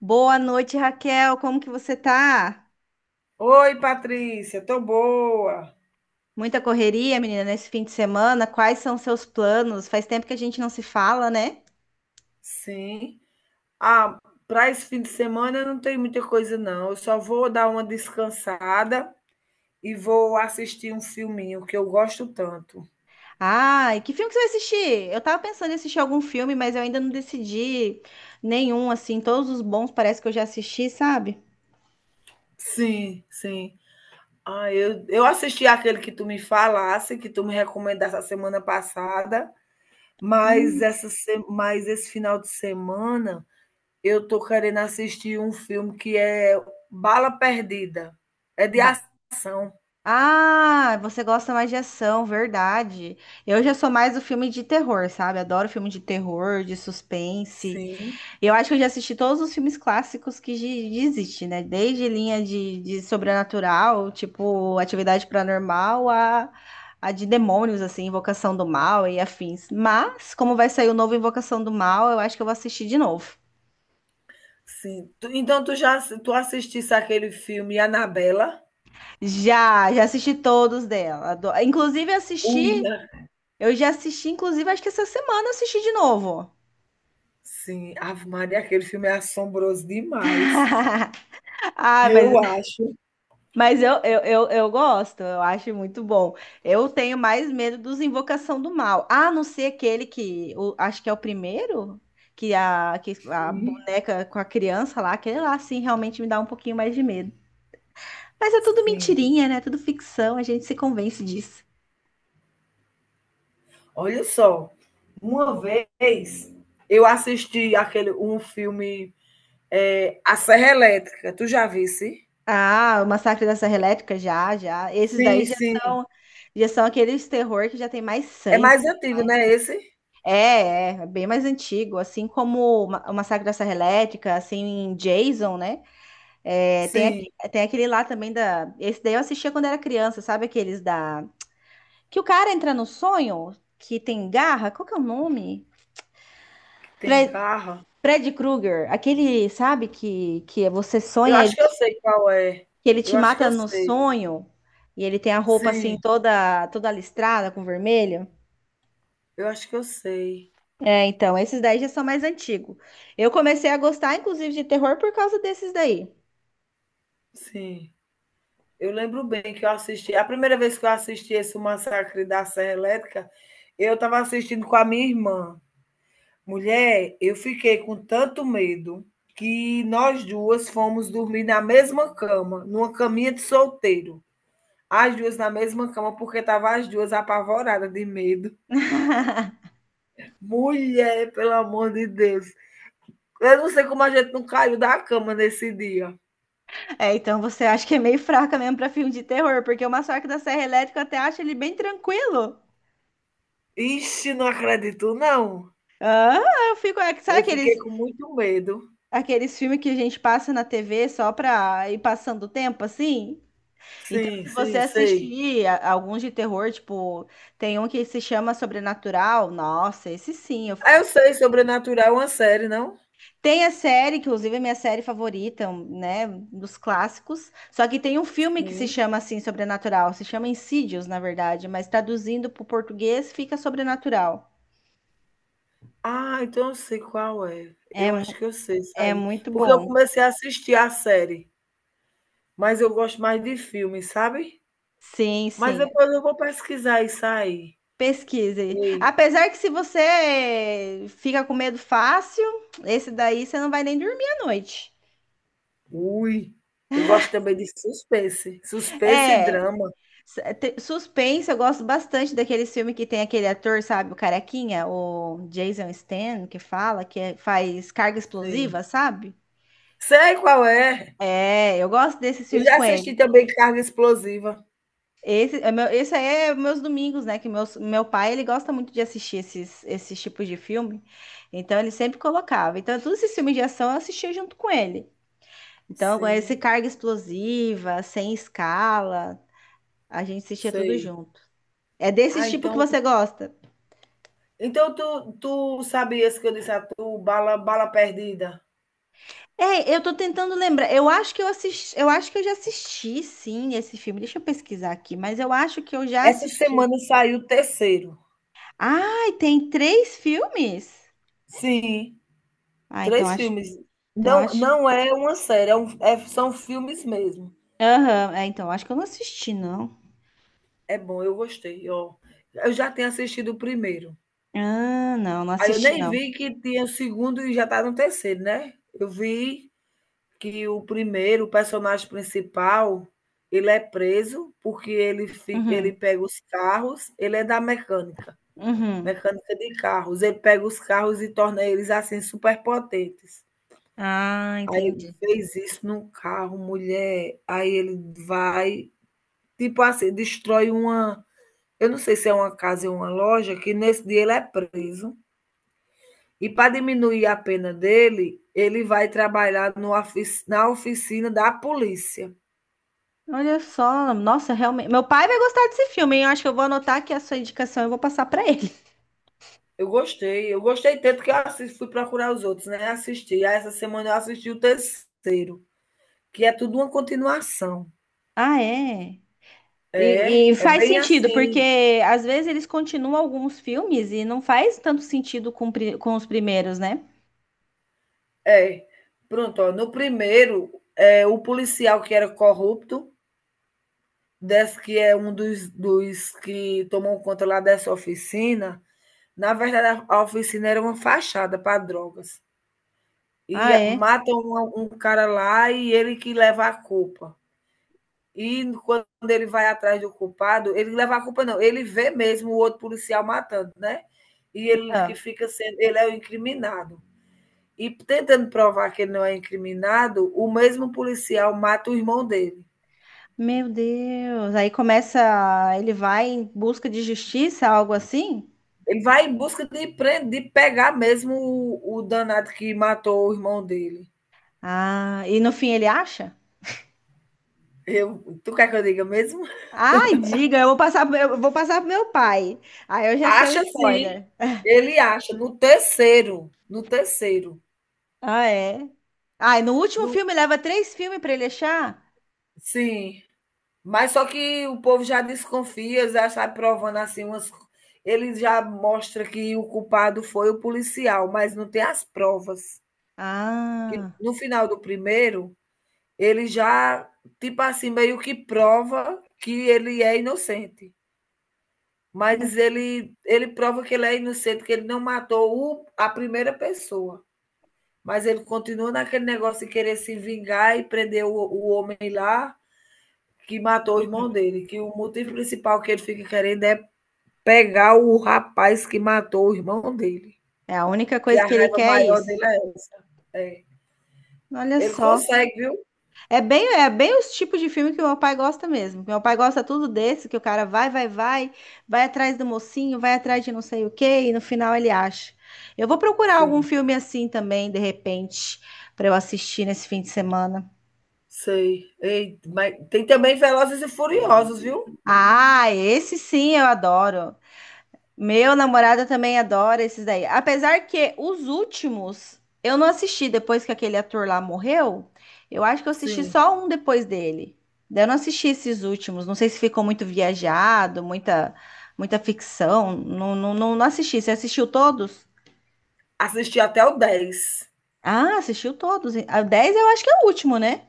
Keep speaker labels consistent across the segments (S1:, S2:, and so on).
S1: Boa noite, Raquel. Como que você tá?
S2: Oi, Patrícia, tô boa.
S1: Muita correria, menina, nesse fim de semana. Quais são seus planos? Faz tempo que a gente não se fala, né?
S2: Sim. Ah, para esse fim de semana não tem muita coisa, não. Eu só vou dar uma descansada e vou assistir um filminho que eu gosto tanto.
S1: Ai, que filme que você vai assistir? Eu tava pensando em assistir algum filme, mas eu ainda não decidi nenhum, assim. Todos os bons parece que eu já assisti, sabe?
S2: Sim, sim. Ah, eu assisti aquele que tu me falasse, que tu me recomendasse a semana passada, mas,
S1: Hum,
S2: essa, se- mas esse final de semana eu tô querendo assistir um filme que é Bala Perdida. É de
S1: ba-
S2: ação.
S1: Ah, você gosta mais de ação, verdade. Eu já sou mais do filme de terror, sabe? Adoro filme de terror, de suspense.
S2: Sim.
S1: Eu acho que eu já assisti todos os filmes clássicos existe, né? Desde linha de sobrenatural, tipo atividade paranormal, a de demônios, assim, Invocação do Mal e afins. Mas, como vai sair o novo Invocação do Mal, eu acho que eu vou assistir de novo.
S2: Sim. Tu então tu assistisse aquele filme Annabella?
S1: Já, já assisti todos dela. Inclusive, assisti,
S2: Uia.
S1: eu já assisti, inclusive, acho que essa semana eu assisti de novo.
S2: Sim, Ave Maria, aquele filme é assombroso demais.
S1: Ah, mas
S2: Eu acho,
S1: Mas eu gosto, eu acho muito bom. Eu tenho mais medo dos Invocação do Mal. A não ser aquele que, o, acho que é o primeiro, que a
S2: sim,
S1: boneca com a criança lá, aquele lá, sim, realmente me dá um pouquinho mais de medo. Mas é tudo
S2: sim.
S1: mentirinha, né? Tudo ficção, a gente se convence disso.
S2: Olha só, uma vez eu assisti aquele um filme, é A Serra Elétrica, tu já visse?
S1: Ah, o Massacre da Serra Elétrica, já, já. Esses daí
S2: Sim, sim.
S1: são, já são aqueles terror que já tem mais
S2: É
S1: sangue.
S2: mais antigo,
S1: Né?
S2: né, esse?
S1: É, é, é bem mais antigo, assim como o o Massacre da Serra Elétrica, assim, Jason, né? É, tem,
S2: Sim,
S1: tem aquele lá também da. Esse daí eu assistia quando era criança, sabe? Aqueles da. Que o cara entra no sonho, que tem garra, qual que é o nome?
S2: que tem
S1: Fre-
S2: carro.
S1: Fred Krueger, aquele, sabe, que você
S2: Eu
S1: sonha,
S2: acho que eu sei qual é.
S1: que ele te
S2: Eu acho que
S1: mata
S2: eu
S1: no
S2: sei.
S1: sonho, e ele tem a roupa assim
S2: Sim,
S1: toda, toda listrada com vermelho.
S2: eu acho que eu sei.
S1: É, então, esses daí já são mais antigos. Eu comecei a gostar, inclusive, de terror por causa desses daí.
S2: Sim. Eu lembro bem que eu assisti. A primeira vez que eu assisti esse Massacre da Serra Elétrica, eu estava assistindo com a minha irmã. Mulher, eu fiquei com tanto medo que nós duas fomos dormir na mesma cama, numa caminha de solteiro. As duas na mesma cama, porque tava as duas apavoradas de medo. Mulher, pelo amor de Deus. Eu não sei como a gente não caiu da cama nesse dia.
S1: É, então você acha que é meio fraca mesmo pra filme de terror, porque o Massacre da Serra Elétrica eu até acho ele bem tranquilo.
S2: Ixi, não acredito, não.
S1: Ah, eu fico. Sabe
S2: Eu fiquei
S1: aqueles,
S2: com muito medo.
S1: aqueles filmes que a gente passa na TV só pra ir passando o tempo assim? Então,
S2: Sim,
S1: se você
S2: sim, sei.
S1: assistir alguns de terror, tipo, tem um que se chama Sobrenatural, nossa, esse sim, eu
S2: Ah, eu sei, Sobrenatural é uma série, não?
S1: tem a série, que inclusive é minha série favorita, um, né, dos clássicos. Só que tem um filme que se
S2: Sim.
S1: chama assim, Sobrenatural. Se chama Insidious, na verdade, mas traduzindo para o português fica Sobrenatural.
S2: Ah, então eu sei qual é.
S1: É,
S2: Eu acho
S1: mu-
S2: que eu sei isso
S1: É
S2: aí.
S1: muito
S2: Porque eu
S1: bom.
S2: comecei a assistir a série, mas eu gosto mais de filme, sabe?
S1: Sim,
S2: Mas
S1: sim.
S2: depois eu vou pesquisar isso aí.
S1: Pesquise.
S2: Ei,
S1: Apesar que se você fica com medo fácil, esse daí você não vai nem dormir à noite.
S2: ui, eu gosto também de suspense e
S1: É,
S2: drama.
S1: Suspense, eu gosto bastante daqueles filmes que tem aquele ator, sabe, o carequinha, o Jason Statham, que fala, faz carga
S2: Sim.
S1: explosiva, sabe?
S2: Sei qual é.
S1: É, eu gosto desses
S2: Eu
S1: filmes
S2: já
S1: com ele.
S2: assisti também Carga Explosiva.
S1: Esse, é meu, esse aí é meus domingos, né? Que meus, meu pai, ele gosta muito de assistir esses, esses tipos de filme. Então, ele sempre colocava. Então, todos esses filmes de ação eu assistia junto com ele. Então, com esse
S2: Sim,
S1: Carga Explosiva, Sem Escala, a gente assistia tudo
S2: sei.
S1: junto. É desse
S2: Ah,
S1: tipo que
S2: então
S1: você gosta?
S2: então tu sabias que eu disse a tu, Bala Perdida?
S1: É, eu tô tentando lembrar. Eu acho que eu assisti, eu acho que eu já assisti, sim, esse filme. Deixa eu pesquisar aqui, mas eu acho que eu já
S2: Essa
S1: assisti.
S2: semana saiu o terceiro.
S1: Ai, tem três filmes?
S2: Sim,
S1: Ah, então
S2: 3
S1: acho,
S2: filmes.
S1: então
S2: Não
S1: acho.
S2: não é uma série, é são filmes mesmo.
S1: Aham, é, então acho que eu não assisti, não.
S2: É bom, eu gostei, ó. Eu já tinha assistido o primeiro.
S1: Ah, não, não
S2: Aí eu
S1: assisti,
S2: nem
S1: não.
S2: vi que tinha o segundo e já tá no terceiro, né. Eu vi que o primeiro, o personagem principal, ele é preso porque
S1: Uhum,
S2: ele pega os carros, ele é da mecânica,
S1: uhum.
S2: mecânica de carros. Ele pega os carros e torna eles, assim, superpotentes.
S1: Ah,
S2: Aí ele
S1: entendi.
S2: fez isso num carro, mulher, aí ele vai, tipo assim, destrói uma eu não sei se é uma casa ou uma loja, que nesse dia ele é preso, e para diminuir a pena dele, ele vai trabalhar no ofici na oficina da polícia.
S1: Olha só, nossa, realmente. Meu pai vai gostar desse filme, hein? Eu acho que eu vou anotar aqui a sua indicação e vou passar pra ele.
S2: Eu gostei tanto que eu assis fui procurar os outros, né, assisti, aí essa semana eu assisti o terceiro, que é tudo uma continuação.
S1: Ah, é?
S2: É,
S1: E
S2: é
S1: faz
S2: bem
S1: sentido,
S2: assim.
S1: porque às vezes eles continuam alguns filmes e não faz tanto sentido com, com os primeiros, né?
S2: É, pronto, ó, no primeiro, é, o policial que era corrupto, desse que é um dos que tomou conta lá dessa oficina, na verdade a oficina era uma fachada para drogas. E
S1: Ah, é?
S2: matam um cara lá e ele que leva a culpa. E quando ele vai atrás do culpado, ele leva a culpa não, ele vê mesmo o outro policial matando, né? E ele que
S1: Ah,
S2: fica sendo, ele é o incriminado. E tentando provar que ele não é incriminado, o mesmo policial mata o irmão dele.
S1: meu Deus. Aí começa. Ele vai em busca de justiça, algo assim?
S2: Ele vai em busca de, prender, de pegar mesmo o danado que matou o irmão dele.
S1: Ah, e no fim ele acha?
S2: Tu quer que eu diga mesmo?
S1: Ai, diga, eu vou passar, eu vou passar pro meu pai. Aí eu já sei o
S2: Acha sim.
S1: spoiler.
S2: Ele acha no terceiro, no terceiro.
S1: Ah, é? Ah, e no último
S2: No,
S1: filme leva três filmes pra ele achar?
S2: sim. Mas só que o povo já desconfia, já está provando assim umas ele já mostra que o culpado foi o policial, mas não tem as provas. E
S1: Ah,
S2: no final do primeiro, ele já, tipo assim, meio que prova que ele é inocente. Mas ele prova que ele é inocente, que ele não matou a primeira pessoa. Mas ele continua naquele negócio de querer se vingar e prender o homem lá que matou o irmão dele. Que o motivo principal que ele fica querendo é pegar o rapaz que matou o irmão dele.
S1: é a única
S2: Que
S1: coisa
S2: a
S1: que ele
S2: raiva
S1: quer é
S2: maior
S1: isso.
S2: dele é essa. É.
S1: Olha
S2: Ele
S1: só.
S2: consegue, viu?
S1: É bem os tipos de filme que meu pai gosta mesmo. Meu pai gosta tudo desse, que o cara vai atrás do mocinho, vai atrás de não sei o quê, e no final ele acha. Eu vou procurar algum
S2: Sim.
S1: filme assim também, de repente, para eu assistir nesse fim de semana.
S2: Sei. Ei, mas tem também Velozes e Furiosos, viu?
S1: Ah, esse sim eu adoro. Meu namorado também adora esses daí. Apesar que os últimos eu não assisti depois que aquele ator lá morreu. Eu acho que eu assisti
S2: Sim.
S1: só um depois dele. Daí eu não assisti esses últimos. Não sei se ficou muito viajado, muita, muita ficção. Não, não, não, não assisti. Você assistiu todos?
S2: Assisti até o 10.
S1: Ah, assistiu todos. A 10 eu acho que é o último, né?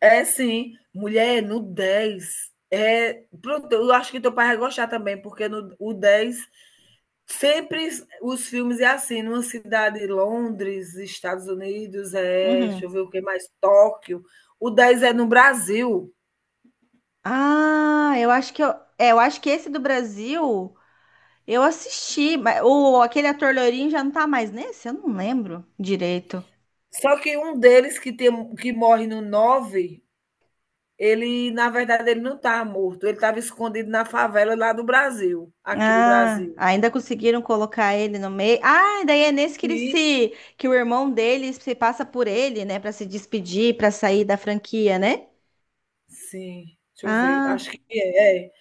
S2: É, sim. Mulher, no 10. É, pronto, eu acho que teu pai vai gostar também, porque no o 10 sempre os filmes é assim, numa cidade, Londres, Estados Unidos, é, deixa eu
S1: Uhum.
S2: ver o que mais, Tóquio. O 10 é no Brasil.
S1: Ah, eu acho que eu, é, eu acho que esse do Brasil eu assisti, mas o aquele ator loirinho já não tá mais nesse, eu não lembro direito.
S2: Só que um deles que tem que morre no 9. Ele, na verdade, ele não estava morto, ele estava escondido na favela lá do Brasil, aqui do
S1: Ah,
S2: Brasil.
S1: ainda conseguiram colocar ele no meio. Ah, daí é nesse que ele
S2: Sim.
S1: se, que o irmão dele se passa por ele, né, pra se despedir, pra sair da franquia, né?
S2: Sim, deixa eu ver,
S1: Ah,
S2: acho que é.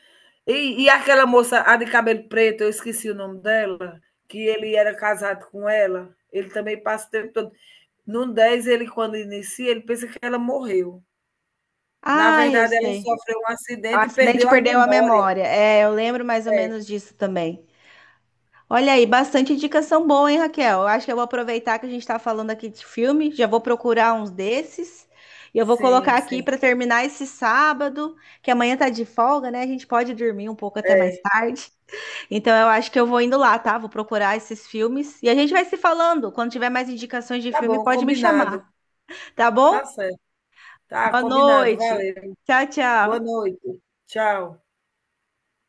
S2: E aquela moça, a de cabelo preto, eu esqueci o nome dela, que ele era casado com ela, ele também passa o tempo todo. No 10 ele quando inicia, ele pensa que ela morreu. Na
S1: ah, eu
S2: verdade, ela
S1: sei.
S2: sofreu um
S1: O
S2: acidente e
S1: acidente
S2: perdeu a
S1: perdeu a
S2: memória.
S1: memória. É, eu lembro mais ou
S2: É,
S1: menos disso também. Olha aí, bastante indicação boa, hein, Raquel? Eu acho que eu vou aproveitar que a gente está falando aqui de filme, já vou procurar uns desses. E eu vou colocar
S2: sim,
S1: aqui
S2: sim.
S1: para terminar esse sábado, que amanhã tá de folga, né? A gente pode dormir um pouco até mais
S2: É.
S1: tarde. Então eu acho que eu vou indo lá, tá? Vou procurar esses filmes e a gente vai se falando. Quando tiver mais indicações de
S2: Tá
S1: filme,
S2: bom,
S1: pode me
S2: combinado.
S1: chamar, tá
S2: Tá
S1: bom?
S2: certo. Tá
S1: Boa
S2: combinado,
S1: noite.
S2: valeu.
S1: Tchau,
S2: Boa
S1: tchau.
S2: noite. Tchau.